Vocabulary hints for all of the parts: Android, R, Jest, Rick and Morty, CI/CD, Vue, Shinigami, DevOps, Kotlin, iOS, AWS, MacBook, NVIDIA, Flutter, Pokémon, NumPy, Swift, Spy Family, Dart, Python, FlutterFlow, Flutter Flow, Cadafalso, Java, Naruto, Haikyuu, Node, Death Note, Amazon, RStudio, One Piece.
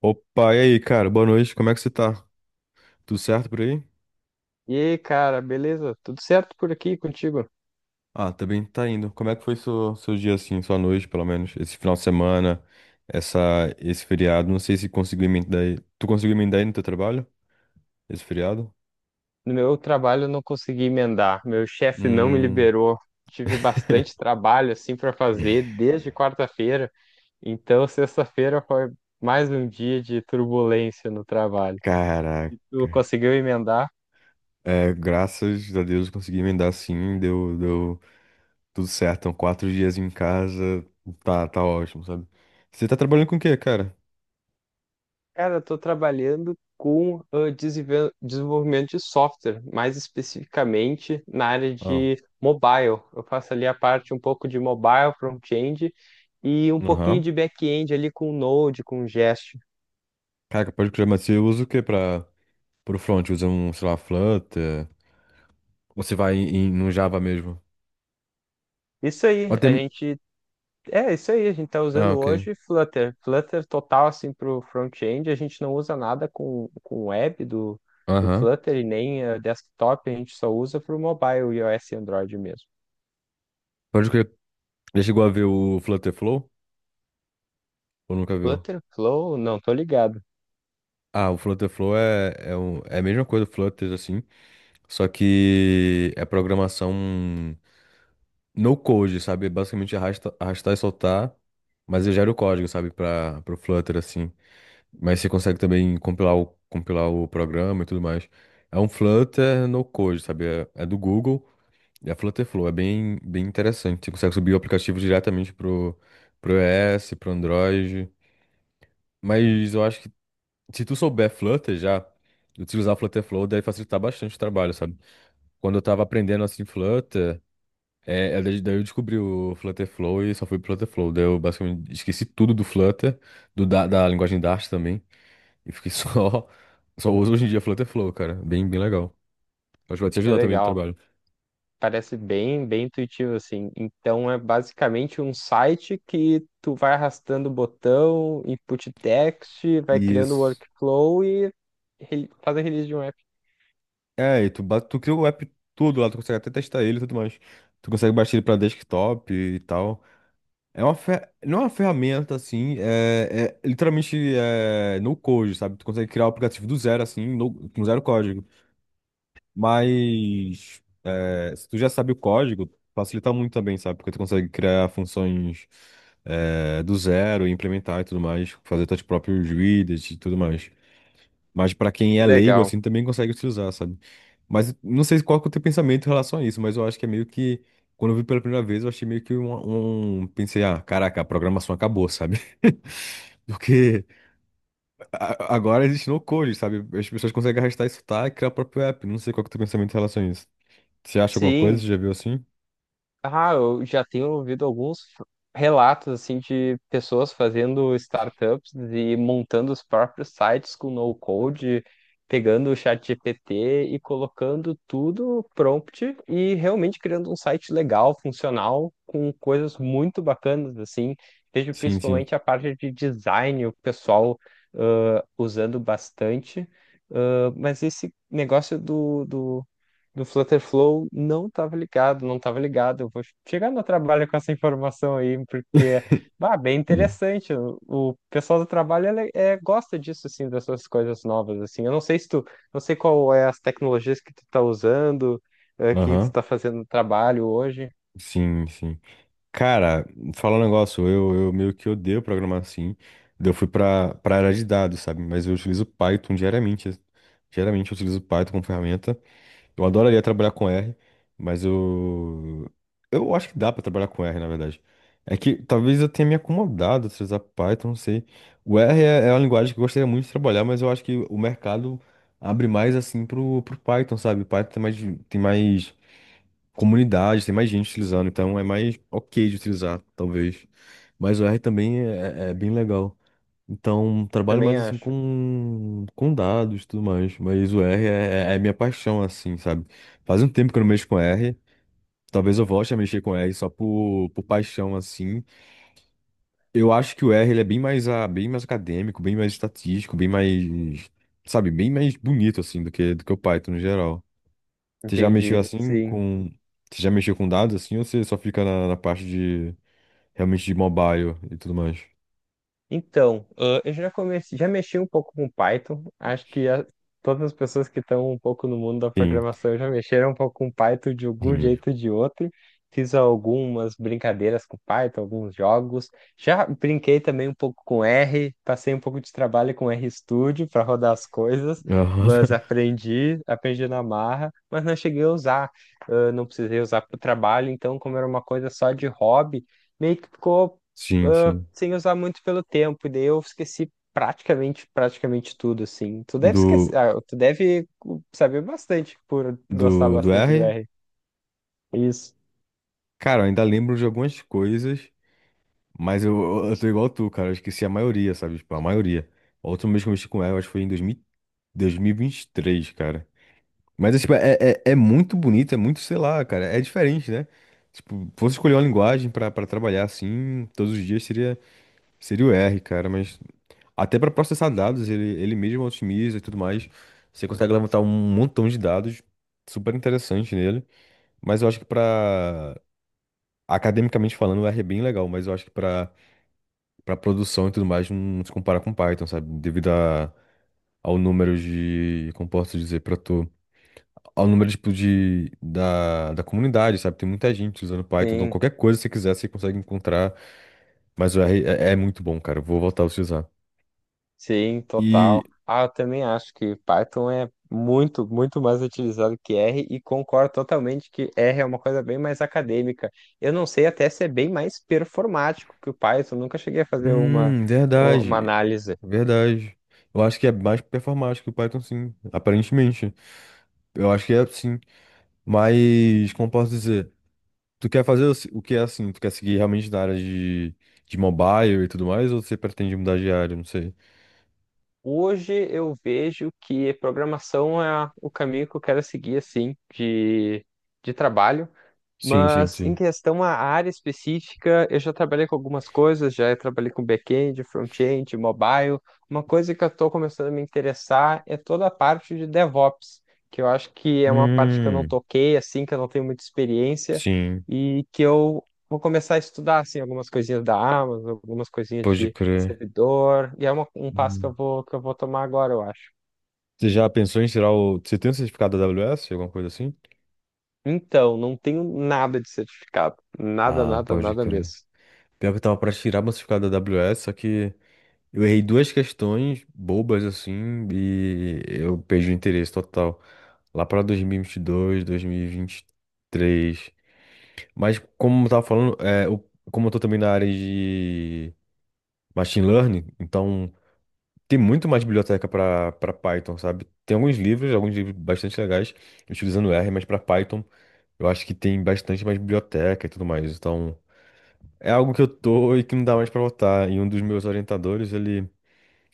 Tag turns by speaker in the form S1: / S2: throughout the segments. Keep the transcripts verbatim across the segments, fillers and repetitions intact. S1: Opa, e aí, cara? Boa noite, como é que você tá? Tudo certo por aí?
S2: E aí, cara, beleza? Tudo certo por aqui contigo?
S1: Ah, também tá indo. Como é que foi seu, seu dia assim, sua noite, pelo menos? Esse final de semana, essa, esse feriado. Não sei se conseguiu emendar aí. Tu conseguiu emendar aí no teu trabalho? Esse feriado?
S2: No meu trabalho eu não consegui emendar, meu chefe não me
S1: Hum,
S2: liberou. Tive bastante trabalho assim para fazer desde quarta-feira, então sexta-feira foi mais um dia de turbulência no trabalho.
S1: caraca.
S2: Tu conseguiu emendar?
S1: É, graças a Deus eu consegui emendar sim, deu, deu tudo certo. Então, quatro dias em casa, tá, tá ótimo, sabe? Você tá trabalhando com o quê, cara?
S2: Cara, eu tô trabalhando com ah, desenve- desenvolvimento de software, mais especificamente na área
S1: Ah,
S2: de mobile. Eu faço ali a parte um pouco de mobile, front-end e um pouquinho
S1: aham.
S2: de back-end ali com Node, com Jest.
S1: Caraca, pode crer, mas você usa o quê pra. Pro front, usa um, sei lá, Flutter. Ou você vai em, no Java mesmo?
S2: Isso aí,
S1: Até...
S2: a gente é isso aí, a gente tá
S1: Ah,
S2: usando
S1: ok.
S2: hoje Flutter, Flutter total assim para o front-end, a gente não usa nada com com web do do
S1: Aham.
S2: Flutter e nem ah, desktop, a gente só usa para o mobile, iOS e Android mesmo.
S1: Pode crer. Já chegou a ver o Flutter Flow? Ou nunca viu?
S2: Flutter Flow, não tô ligado.
S1: Ah, o Flutter Flow é, é, um- é a mesma coisa do Flutter, assim. Só que é programação no code, sabe? Basicamente arrasta, arrastar e soltar. Mas eu gero o código, sabe? Para o Flutter, assim. Mas você consegue também compilar o, compilar o programa e tudo mais. É um Flutter no code, sabe? É, é do Google. E a Flutterflow é bem, bem interessante. Você consegue subir o aplicativo diretamente pro, pro iOS, pro Android. Mas eu acho que se tu souber Flutter já, utilizar Flutterflow deve facilitar bastante o trabalho, sabe? Quando eu tava aprendendo assim Flutter, é, é daí daí eu descobri o Flutterflow e só fui pro Flutterflow. Daí eu basicamente esqueci tudo do Flutter, do, da, da linguagem Dart também. E fiquei só. Só uso hoje em dia Flutterflow, cara. Bem, bem legal. Acho que vai te
S2: Que
S1: ajudar também no
S2: legal.
S1: trabalho.
S2: Parece bem, bem intuitivo assim. Então é basicamente um site que tu vai arrastando o botão, input text, vai criando o
S1: Isso.
S2: workflow e re- faz a release de um app.
S1: É, e tu, ba- tu cria o app tudo lá, tu consegue até testar ele e tudo mais. Tu consegue baixar ele pra desktop e tal. É uma fer... Não é uma ferramenta assim, é, é literalmente é, no code, sabe? Tu consegue criar o aplicativo do zero, assim, no- com zero código. Mas é, se tu já sabe o código, facilita muito também, sabe? Porque tu consegue criar funções é, do zero, implementar e tudo mais, fazer teus próprios widgets e tudo mais. Mas pra quem
S2: Que
S1: é leigo,
S2: legal.
S1: assim, também consegue utilizar, sabe? Mas não sei qual que é o teu pensamento em relação a isso, mas eu acho que é meio que. Quando eu vi pela primeira vez, eu achei meio que um, um- pensei, ah, caraca, a programação acabou, sabe? Porque a- agora existe no code, sabe? As pessoas conseguem arrastar isso, tá? E criar o próprio app. Não sei qual que é o teu pensamento em relação a isso. Você acha alguma coisa?
S2: Sim,
S1: Você já viu assim?
S2: Ah, eu já tenho ouvido alguns f- relatos assim de pessoas fazendo startups e montando os próprios sites com no code, pegando o chat G P T e colocando tudo prompt e realmente criando um site legal, funcional, com coisas muito bacanas assim. Vejo
S1: Sim, sim.
S2: principalmente a parte de design, o pessoal ah, usando bastante. Ah, mas esse negócio do, do do Flutterflow não estava ligado, não estava ligado. Eu vou chegar no trabalho com essa informação aí, porque,
S1: Uhum.
S2: bah, bem interessante. O, o pessoal do trabalho ele, é, gosta disso, assim, dessas coisas novas, assim. Eu não sei se tu, não sei qual é as tecnologias que tu tá usando, eh, que tu
S1: Aham.
S2: tá fazendo no trabalho hoje.
S1: Sim, sim. Cara, falar um negócio, eu, eu meio que odeio programar assim. Daí eu fui pra, pra área de dados, sabe? Mas eu utilizo Python diariamente. Diariamente eu utilizo Python como ferramenta. Eu adoraria trabalhar com R, mas eu. Eu acho que dá pra trabalhar com R, na verdade. É que talvez eu tenha me acomodado a utilizar Python, não sei. O R é, é uma linguagem que eu gostaria muito de trabalhar, mas eu acho que o mercado abre mais assim pro, pro Python, sabe? Python tem mais, tem mais comunidade, tem mais gente utilizando, então é mais ok de utilizar, talvez. Mas o R também é, é é bem legal. Então, trabalho
S2: Também
S1: mais assim
S2: acho.
S1: com, com dados e tudo mais. Mas o R é, é é minha paixão, assim, sabe? Faz um tempo que eu não mexo com R. Talvez eu volte a mexer com R só por, por paixão, assim. Eu acho que o R ele é bem mais, a, bem mais acadêmico, bem mais estatístico, bem mais, sabe, bem mais bonito, assim, do que, do que o Python no geral. Você já mexeu
S2: Entendi.
S1: assim
S2: Sim.
S1: com. Você já mexeu com dados assim ou você só fica na, na parte de. Realmente de mobile e tudo mais?
S2: Então, ah, eu já comecei, já mexi um pouco com Python. Acho que a- todas as pessoas que estão um pouco no mundo da
S1: Sim.
S2: programação já mexeram um pouco com Python de algum
S1: Sim.
S2: jeito ou de outro. Fiz algumas brincadeiras com Python, alguns jogos. Já brinquei também um pouco com R, passei um pouco de trabalho com RStudio para rodar as coisas,
S1: Aham.
S2: mas aprendi, aprendi na marra, mas não cheguei a usar. Ah, não precisei usar para o trabalho, então, como era uma coisa só de hobby meio que ficou
S1: Sim,
S2: ah,
S1: sim.
S2: sem usar muito pelo tempo, e daí eu esqueci praticamente, praticamente tudo, assim. Tu deve esquecer,
S1: Do,
S2: ah, tu deve saber bastante por gostar
S1: do, do
S2: bastante do
S1: R?
S2: R. Isso.
S1: Cara, eu ainda lembro de algumas coisas, mas eu, eu tô igual tu, cara. Eu esqueci a maioria, sabe? Tipo, a maioria. A última vez que eu mexi com R, eu acho que foi em dois mil, dois mil e vinte e três, cara. Mas é, tipo, é, é, é muito bonito, é muito, sei lá, cara. É diferente, né? Tipo, fosse escolher uma linguagem pra, pra trabalhar assim, todos os dias seria. Seria o R, cara, mas até para processar dados, ele, ele mesmo otimiza e tudo mais. Você consegue levantar um montão de dados, super interessante nele. Mas eu acho que para academicamente falando, o R é bem legal, mas eu acho que para para produção e tudo mais não se compara com Python, sabe? Devido a, ao número de, como posso dizer, para tu, ao número tipo de da, da comunidade, sabe? Tem muita gente usando Python, então
S2: Sim,
S1: qualquer coisa que você quiser, você consegue encontrar. Mas o R é, é muito bom, cara. Eu vou voltar a utilizar.
S2: sim,
S1: E
S2: total. Ah, eu também acho que Python é muito, muito mais utilizado que R e concordo totalmente que R é uma coisa bem mais acadêmica. Eu não sei até se é bem mais performático que o Python, nunca cheguei a fazer uma,
S1: hum,
S2: uma
S1: verdade.
S2: análise.
S1: Verdade. Eu acho que é mais performático que o Python, sim. Aparentemente. Eu acho que é sim. Mas, como posso dizer? Tu quer fazer o se- o que é assim? Tu quer seguir realmente na área de, de mobile e tudo mais? Ou você pretende mudar de área? Não sei.
S2: Hoje eu vejo que programação é o caminho que eu quero seguir, assim, de, de trabalho.
S1: Sim, sim,
S2: Mas em
S1: sim.
S2: questão à área específica, eu já trabalhei com algumas coisas, já trabalhei com back-end, front-end, mobile. Uma coisa que eu estou começando a me interessar é toda a parte de DevOps, que eu acho que é uma parte que eu não
S1: Hum,
S2: toquei, assim, que eu não tenho muita experiência
S1: sim.
S2: e que eu vou começar a estudar, assim, algumas coisinhas da Amazon, algumas coisinhas
S1: Pode
S2: de
S1: crer.
S2: servidor, e é uma- um passo que eu
S1: Hum.
S2: vou, que eu vou tomar agora, eu acho.
S1: Você já pensou em tirar o. Você tem um certificado da A W S? Alguma coisa assim?
S2: Então, não tenho nada de certificado, nada,
S1: Ah,
S2: nada,
S1: pode
S2: nada
S1: crer.
S2: mesmo.
S1: Pior que eu tava pra tirar meu certificado da A W S, só que. Eu errei duas questões bobas assim e eu perdi o interesse total. Lá para dois mil e vinte e dois, dois mil e vinte e três. Mas como eu tava falando, é, eu- como eu tô também na área de machine learning, então tem muito mais biblioteca para para Python, sabe? Tem alguns livros, alguns livros bastante legais utilizando R, mas para Python eu acho que tem bastante mais biblioteca e tudo mais. Então é algo que eu tô e que não dá mais para voltar. E um dos meus orientadores, ele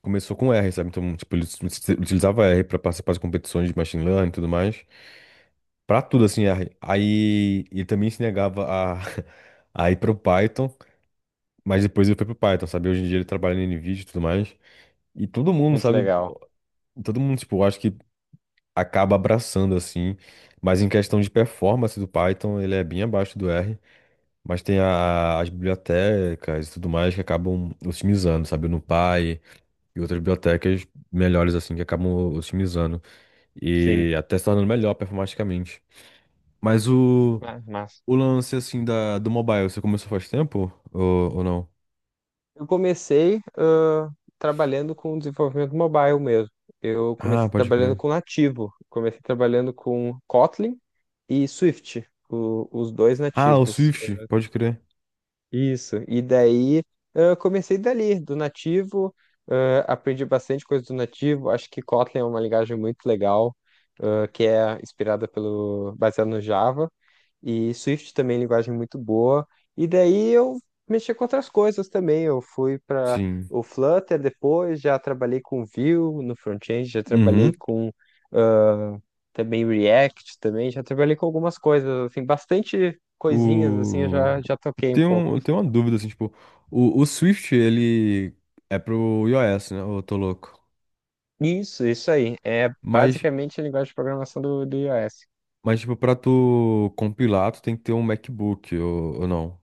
S1: começou com R, sabe? Então, tipo, ele ut- utilizava R para participar de competições de machine learning e tudo mais. Pra tudo, assim, R. Aí ele também se negava a, a ir pro Python, mas depois ele foi pro Python, sabe? Hoje em dia ele trabalha na NVIDIA e tudo mais. E todo mundo,
S2: Muito
S1: sabe?
S2: legal.
S1: Todo mundo, tipo, eu acho que acaba abraçando, assim. Mas em questão de performance do Python, ele é bem abaixo do R. Mas tem a- as bibliotecas e tudo mais que acabam otimizando, sabe? O NumPy e outras bibliotecas melhores, assim, que acabam otimizando.
S2: Sim.
S1: E até se tornando melhor performaticamente. Mas o,
S2: Ah, mas,
S1: o lance, assim, da, do mobile, você começou faz tempo? Ou, ou não?
S2: eu comecei ah, trabalhando com desenvolvimento mobile mesmo. Eu
S1: Ah,
S2: comecei
S1: pode
S2: trabalhando
S1: crer.
S2: com nativo, comecei trabalhando com Kotlin e Swift, o- os dois
S1: Ah, o
S2: nativos.
S1: Swift, pode crer.
S2: Isso. E daí ah, comecei dali, do nativo, ah, aprendi bastante coisa do nativo. Acho que Kotlin é uma linguagem muito legal, ah, que é inspirada pelo, baseada no Java. E Swift também, linguagem muito boa. E daí eu mexi com outras coisas também. Eu fui para
S1: Sim.
S2: o Flutter depois, já trabalhei com Vue no front-end, já trabalhei
S1: Uhum.
S2: com também React também, já trabalhei com algumas coisas, assim, bastante coisinhas assim, eu
S1: O...
S2: já, já toquei um
S1: tem
S2: pouco.
S1: um- tem uma dúvida, assim, tipo, o, o Swift, ele é pro iOS, né? Ou eu tô louco.
S2: Isso, isso aí. É
S1: Mas,
S2: basicamente a linguagem de programação do, do iOS.
S1: mas, tipo, pra tu compilar, tu tem que ter um MacBook, ou, ou não?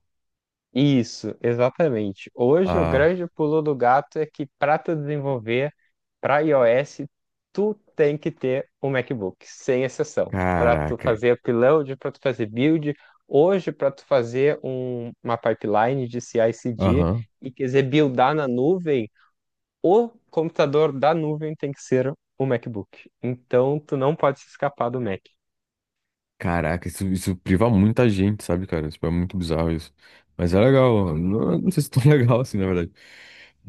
S2: Isso, exatamente. Hoje o
S1: Ah,
S2: grande pulo do gato é que para tu desenvolver para iOS, tu tem que ter um MacBook, sem exceção, para tu
S1: caraca.
S2: fazer upload, para tu fazer build, hoje para tu fazer um- uma pipeline de C I/C D
S1: Aham.
S2: e quiser buildar na nuvem, o computador da nuvem tem que ser o MacBook. Então tu não pode se escapar do Mac.
S1: Caraca, isso, isso priva muita gente, sabe, cara? Tipo, é muito bizarro isso. Mas é legal. Não, não sei se é tão legal assim, na verdade.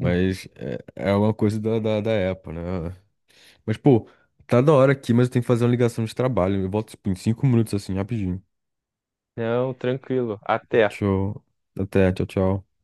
S2: Hum.
S1: é, é uma coisa da, da, da Apple, né? Mas, pô, tá da hora aqui, mas eu tenho que fazer uma ligação de trabalho. Eu volto, tipo, em cinco minutos, assim, rapidinho.
S2: Não, tranquilo. Até.
S1: Show. Até, tchau, tchau.